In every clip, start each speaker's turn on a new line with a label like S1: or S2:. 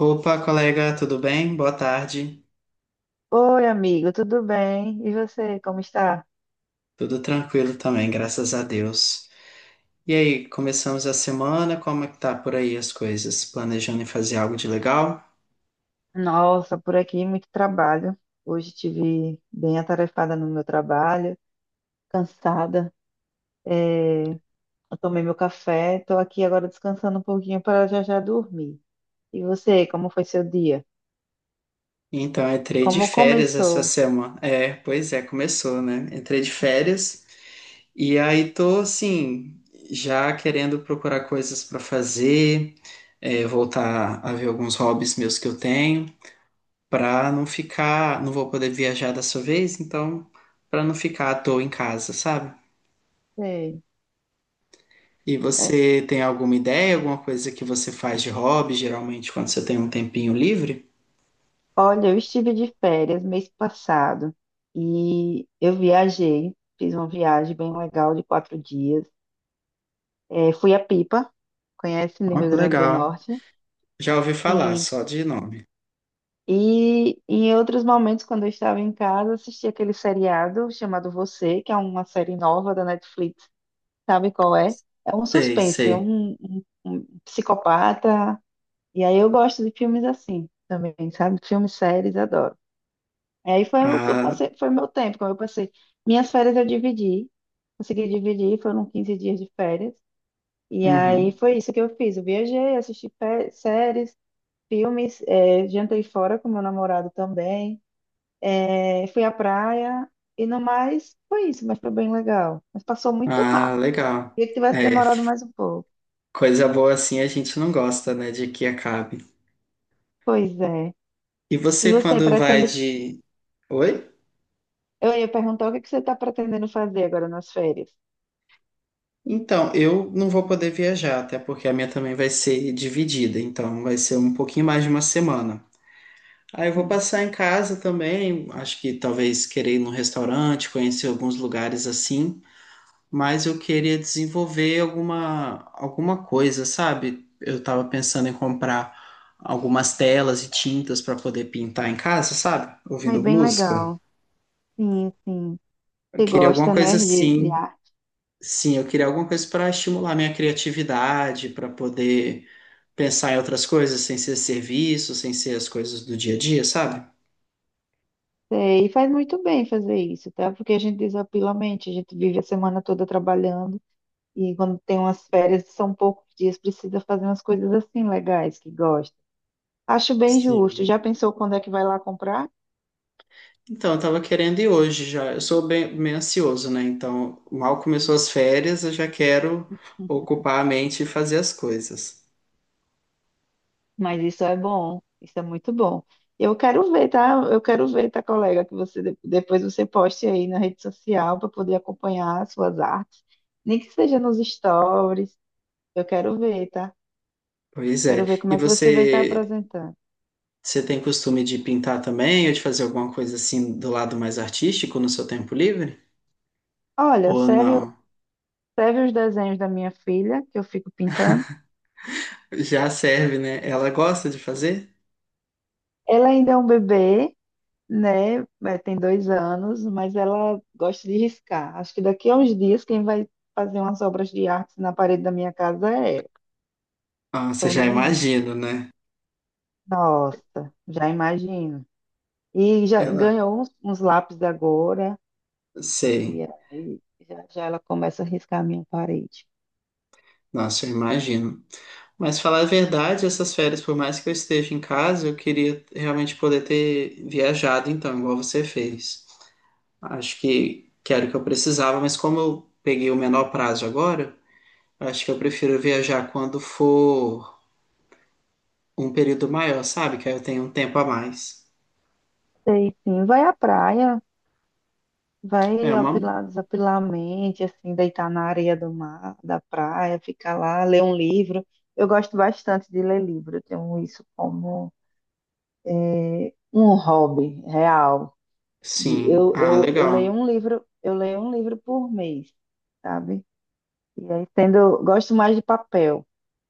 S1: Opa, colega, tudo bem? Boa tarde.
S2: Oi, amigo, tudo bem? E você, como está?
S1: Tudo tranquilo também, graças a Deus. E aí, começamos a semana, como é que tá por aí as coisas? Planejando em fazer algo de legal?
S2: Nossa, por aqui muito trabalho. Hoje tive bem atarefada no meu trabalho, cansada. É, eu tomei meu café, estou aqui agora descansando um pouquinho para já já dormir. E você, como foi seu dia?
S1: Então, entrei de
S2: Como
S1: férias essa
S2: começou?
S1: semana. É, pois é, começou, né? Entrei de férias e aí tô, assim, já querendo procurar coisas para fazer, voltar a ver alguns hobbies meus que eu tenho, para não ficar, não vou poder viajar dessa vez, então, para não ficar à toa em casa, sabe?
S2: Sei.
S1: E
S2: É,
S1: você tem alguma ideia, alguma coisa que você faz de hobby, geralmente quando você tem um tempinho livre?
S2: olha, eu estive de férias mês passado e eu viajei, fiz uma viagem bem legal de 4 dias. É, fui a Pipa, conhece no
S1: Ó,
S2: Rio
S1: que
S2: Grande do
S1: legal.
S2: Norte.
S1: Já ouvi falar,
S2: Sim.
S1: só de nome.
S2: E em outros momentos, quando eu estava em casa, assisti aquele seriado chamado Você, que é uma série nova da Netflix. Sabe qual é? É um
S1: Sei,
S2: suspense, é
S1: sei.
S2: um psicopata. E aí eu gosto de filmes assim também, sabe? Filmes, séries, adoro. E aí foi o que eu
S1: Ah,
S2: passei, foi meu tempo, como eu passei. Minhas férias eu dividi, consegui dividir, foram 15 dias de férias. E aí
S1: uhum.
S2: foi isso que eu fiz. Eu viajei, assisti séries, filmes, é, jantei fora com meu namorado também, é, fui à praia e no mais foi isso, mas foi bem legal. Mas passou muito
S1: Ah,
S2: rápido.
S1: legal.
S2: Queria que tivesse
S1: É,
S2: demorado mais um pouco.
S1: coisa boa assim a gente não gosta, né, de que acabe.
S2: Pois é.
S1: E
S2: E
S1: você
S2: você
S1: quando vai
S2: pretende?
S1: de... Oi?
S2: Eu ia perguntar o que que você está pretendendo fazer agora nas férias.
S1: Então, eu não vou poder viajar, até porque a minha também vai ser dividida, então vai ser um pouquinho mais de uma semana. Aí eu vou
S2: Sim.
S1: passar em casa também. Acho que talvez querer ir num restaurante, conhecer alguns lugares assim. Mas eu queria desenvolver alguma coisa, sabe? Eu tava pensando em comprar algumas telas e tintas para poder pintar em casa, sabe?
S2: Aí,
S1: Ouvindo
S2: bem
S1: música.
S2: legal. Sim, sim.
S1: Eu
S2: Você
S1: queria alguma
S2: gosta,
S1: coisa
S2: né, de
S1: assim.
S2: arte.
S1: Sim, eu queria alguma coisa para estimular minha criatividade, para poder pensar em outras coisas sem ser serviço, sem ser as coisas do dia a dia, sabe?
S2: É, e faz muito bem fazer isso, tá? Porque a gente desapila a mente, a gente vive a semana toda trabalhando. E quando tem umas férias, são poucos dias, precisa fazer umas coisas assim legais que gosta. Acho bem justo.
S1: Sim.
S2: Já pensou quando é que vai lá comprar?
S1: Então, eu tava querendo ir hoje já. Eu sou bem ansioso, né? Então, mal começou as férias, eu já quero
S2: Hum.
S1: ocupar a mente e fazer as coisas.
S2: Mas isso é bom, isso é muito bom. Eu quero ver, tá? Eu quero ver, tá, colega, que você depois você poste aí na rede social para poder acompanhar as suas artes, nem que seja nos stories. Eu quero ver, tá?
S1: Pois é.
S2: Quero ver como
S1: E
S2: é que você vai estar
S1: você,
S2: apresentando.
S1: você tem costume de pintar também, ou de fazer alguma coisa assim do lado mais artístico no seu tempo livre?
S2: Olha,
S1: Ou
S2: serve,
S1: não?
S2: serve os desenhos da minha filha, que eu fico pintando.
S1: Já serve, né? Ela gosta de fazer?
S2: Ela ainda é um bebê, né? É, tem 2 anos, mas ela gosta de riscar. Acho que daqui a uns dias quem vai fazer umas obras de arte na parede da minha casa é ela.
S1: Ah, você
S2: Sou
S1: já
S2: nem eu.
S1: imagina, né?
S2: Nossa, já imagino. E já
S1: Ela,
S2: ganhou uns lápis agora, e
S1: sei.
S2: aí já, já ela começa a riscar a minha parede.
S1: Nossa, eu imagino. Mas falar a verdade, essas férias, por mais que eu esteja em casa, eu queria realmente poder ter viajado, então, igual você fez. Acho que era o que eu precisava, mas como eu peguei o menor prazo agora, acho que eu prefiro viajar quando for um período maior, sabe? Que aí eu tenho um tempo a mais.
S2: Sei sim, vai à praia,
S1: É
S2: vai
S1: uma.
S2: apilar, desapilar a mente, assim, deitar na areia do mar, da praia, ficar lá, ler um livro. Eu gosto bastante de ler livro, eu tenho isso como é, um hobby real. E
S1: Sim.
S2: Eu,
S1: Ah,
S2: eu, eu leio
S1: legal.
S2: um livro, por mês, sabe? E aí tendo, gosto mais de papel.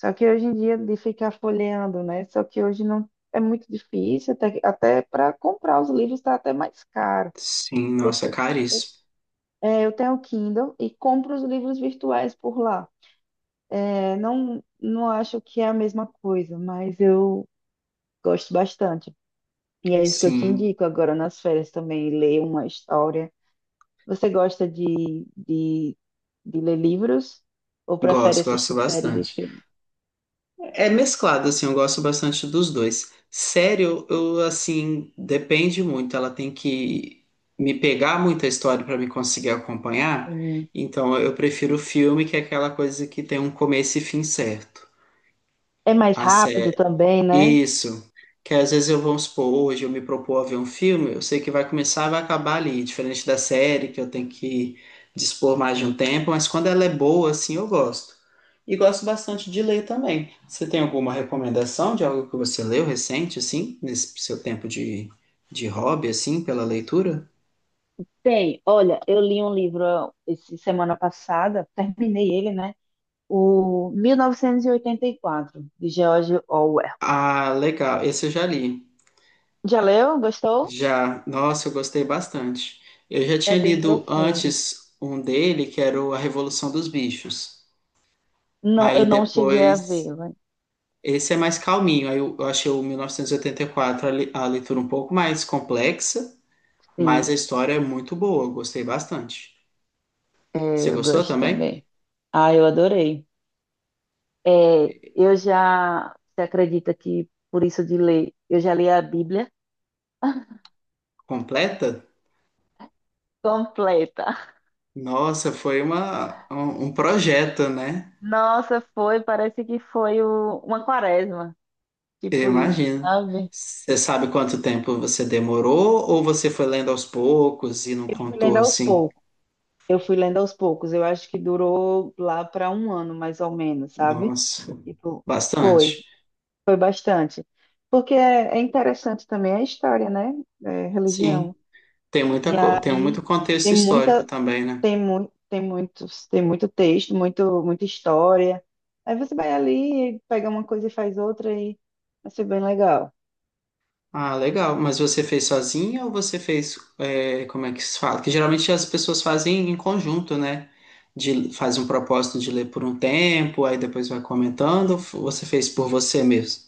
S2: Só que hoje em dia de ficar folheando, né? Só que hoje não é muito difícil, até para comprar os livros está até mais caro.
S1: Sim,
S2: Eu,
S1: nossa, é
S2: te-
S1: caríssimo.
S2: eu tenho o Kindle e compro os livros virtuais por lá. É, não acho que é a mesma coisa, mas eu gosto bastante. E é isso que eu te
S1: Sim,
S2: indico agora nas férias também, ler uma história. Você gosta de ler livros ou prefere
S1: gosto, gosto
S2: assistir séries e
S1: bastante.
S2: filmes?
S1: É mesclado, assim, eu gosto bastante dos dois. Série, assim, depende muito. Ela tem que me pegar muita história para me conseguir acompanhar.
S2: Hum.
S1: Então, eu prefiro o filme, que é aquela coisa que tem um começo e fim certo.
S2: É mais
S1: A
S2: rápido também, né?
S1: isso. Que às vezes eu vou supor, hoje eu me propor a ver um filme, eu sei que vai começar e vai acabar ali, diferente da série, que eu tenho que dispor mais de um tempo, mas quando ela é boa, assim, eu gosto. E gosto bastante de ler também. Você tem alguma recomendação de algo que você leu recente, assim, nesse seu tempo de hobby, assim, pela leitura?
S2: Tem, olha, eu li um livro ó, esse semana passada, terminei ele, né? O 1984, de George Orwell.
S1: Ah, legal. Esse eu já li.
S2: Já leu? Gostou?
S1: Já. Nossa, eu gostei bastante. Eu já
S2: É
S1: tinha
S2: bem
S1: lido
S2: profundo.
S1: antes um dele, que era o A Revolução dos Bichos.
S2: Não, eu
S1: Aí
S2: não cheguei a
S1: depois,
S2: ver, mas
S1: esse é mais calminho. Aí eu achei o 1984 a leitura um pouco mais complexa, mas a
S2: sim,
S1: história é muito boa, eu gostei bastante. Você
S2: é, eu
S1: gostou
S2: gosto
S1: também?
S2: também. Ah, eu adorei. É, eu já, você acredita que por isso de ler, eu já li a Bíblia
S1: Completa?
S2: completa.
S1: Nossa, foi uma, um projeto, né?
S2: Nossa, foi, parece que foi uma quaresma,
S1: Eu
S2: tipo isso,
S1: imagino.
S2: sabe?
S1: Você sabe quanto tempo você demorou ou você foi lendo aos poucos e não
S2: Eu fui
S1: contou
S2: lendo aos
S1: assim?
S2: poucos. Eu fui lendo aos poucos. Eu acho que durou lá para um ano, mais ou menos, sabe?
S1: Nossa,
S2: Tipo, foi,
S1: bastante.
S2: foi bastante. Porque é, é interessante também a história, né? É, religião.
S1: Sim, tem muita,
S2: E
S1: tem muito
S2: aí
S1: contexto
S2: tem
S1: histórico
S2: muita,
S1: também, né?
S2: tem muito texto, muita história. Aí você vai ali, pega uma coisa e faz outra e vai ser bem legal.
S1: Ah, legal. Mas você fez sozinha ou você fez, é, como é que se fala? Que geralmente as pessoas fazem em conjunto, né? De, faz um propósito de ler por um tempo, aí depois vai comentando. Ou você fez por você mesmo?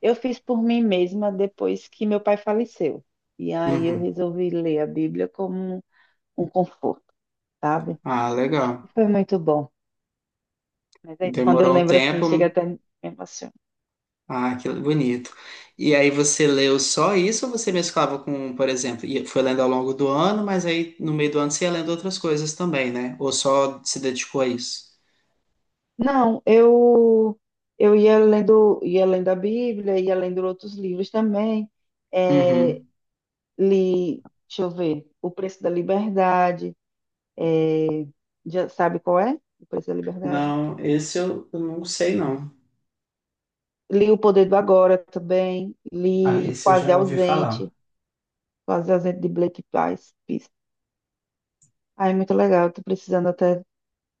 S2: Eu fiz por mim mesma depois que meu pai faleceu. E aí eu
S1: Uhum.
S2: resolvi ler a Bíblia como um conforto, sabe?
S1: Ah,
S2: E
S1: legal.
S2: foi muito bom. Mas aí quando eu
S1: Demorou um
S2: lembro assim,
S1: tempo.
S2: chega até me emociona.
S1: Ah, que bonito. E aí você leu só isso ou você mesclava com, por exemplo, foi lendo ao longo do ano, mas aí no meio do ano você ia lendo outras coisas também, né? Ou só se dedicou a isso?
S2: Não, eu ia lendo a Bíblia, ia lendo outros livros também. É,
S1: Uhum.
S2: li, deixa eu ver, O Preço da Liberdade, já sabe qual é? O Preço da Liberdade.
S1: Não, esse eu não sei não.
S2: Li O Poder do Agora também,
S1: Ah,
S2: li
S1: esse eu
S2: Quase
S1: já ouvi falar.
S2: Ausente, Quase Ausente de Blake Price. Ah, é muito legal, estou precisando até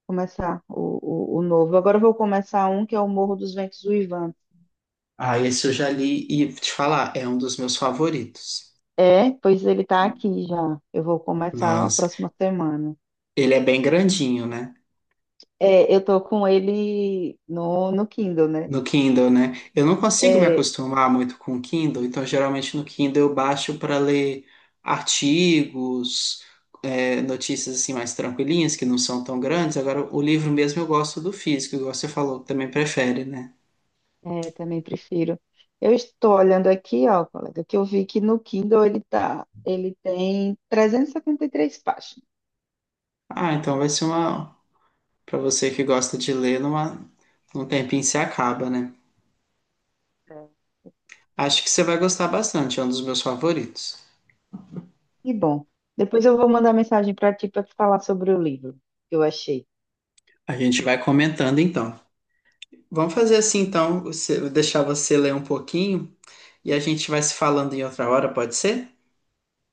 S2: começar o novo. Agora eu vou começar um que é o Morro dos Ventos Uivantes.
S1: Ah, esse eu já li e vou te falar, é um dos meus favoritos.
S2: É, pois ele está aqui já. Eu vou começar a
S1: Mas
S2: próxima semana.
S1: ele é bem grandinho, né?
S2: É, eu tô com ele no Kindle, né?
S1: No Kindle, né? Eu não consigo me
S2: É,
S1: acostumar muito com o Kindle, então geralmente no Kindle eu baixo para ler artigos, é, notícias assim mais tranquilinhas, que não são tão grandes. Agora, o livro mesmo eu gosto do físico, igual você falou, que também prefere, né?
S2: é, eu também prefiro. Eu estou olhando aqui, ó, colega, que eu vi que no Kindle ele tá, ele tem e 73 páginas.
S1: Ah, então vai ser uma. Para você que gosta de ler, numa, num tempinho se acaba, né?
S2: É,
S1: Acho que você vai gostar bastante, é um dos meus favoritos.
S2: que bom. Depois eu vou mandar mensagem para ti para te falar sobre o livro que eu achei.
S1: A gente vai comentando então. Vamos fazer
S2: Então,
S1: assim
S2: vamos.
S1: então, você- vou deixar você ler um pouquinho e a gente vai se falando em outra hora, pode ser?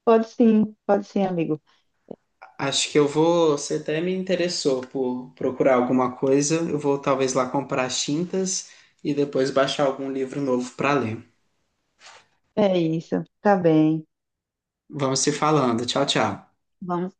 S2: Pode sim, amigo.
S1: Acho que eu vou, você até me interessou por procurar alguma coisa, eu vou talvez lá comprar as tintas e depois baixar algum livro novo para ler.
S2: É isso, tá bem.
S1: Vamos se falando. Tchau, tchau.
S2: Vamos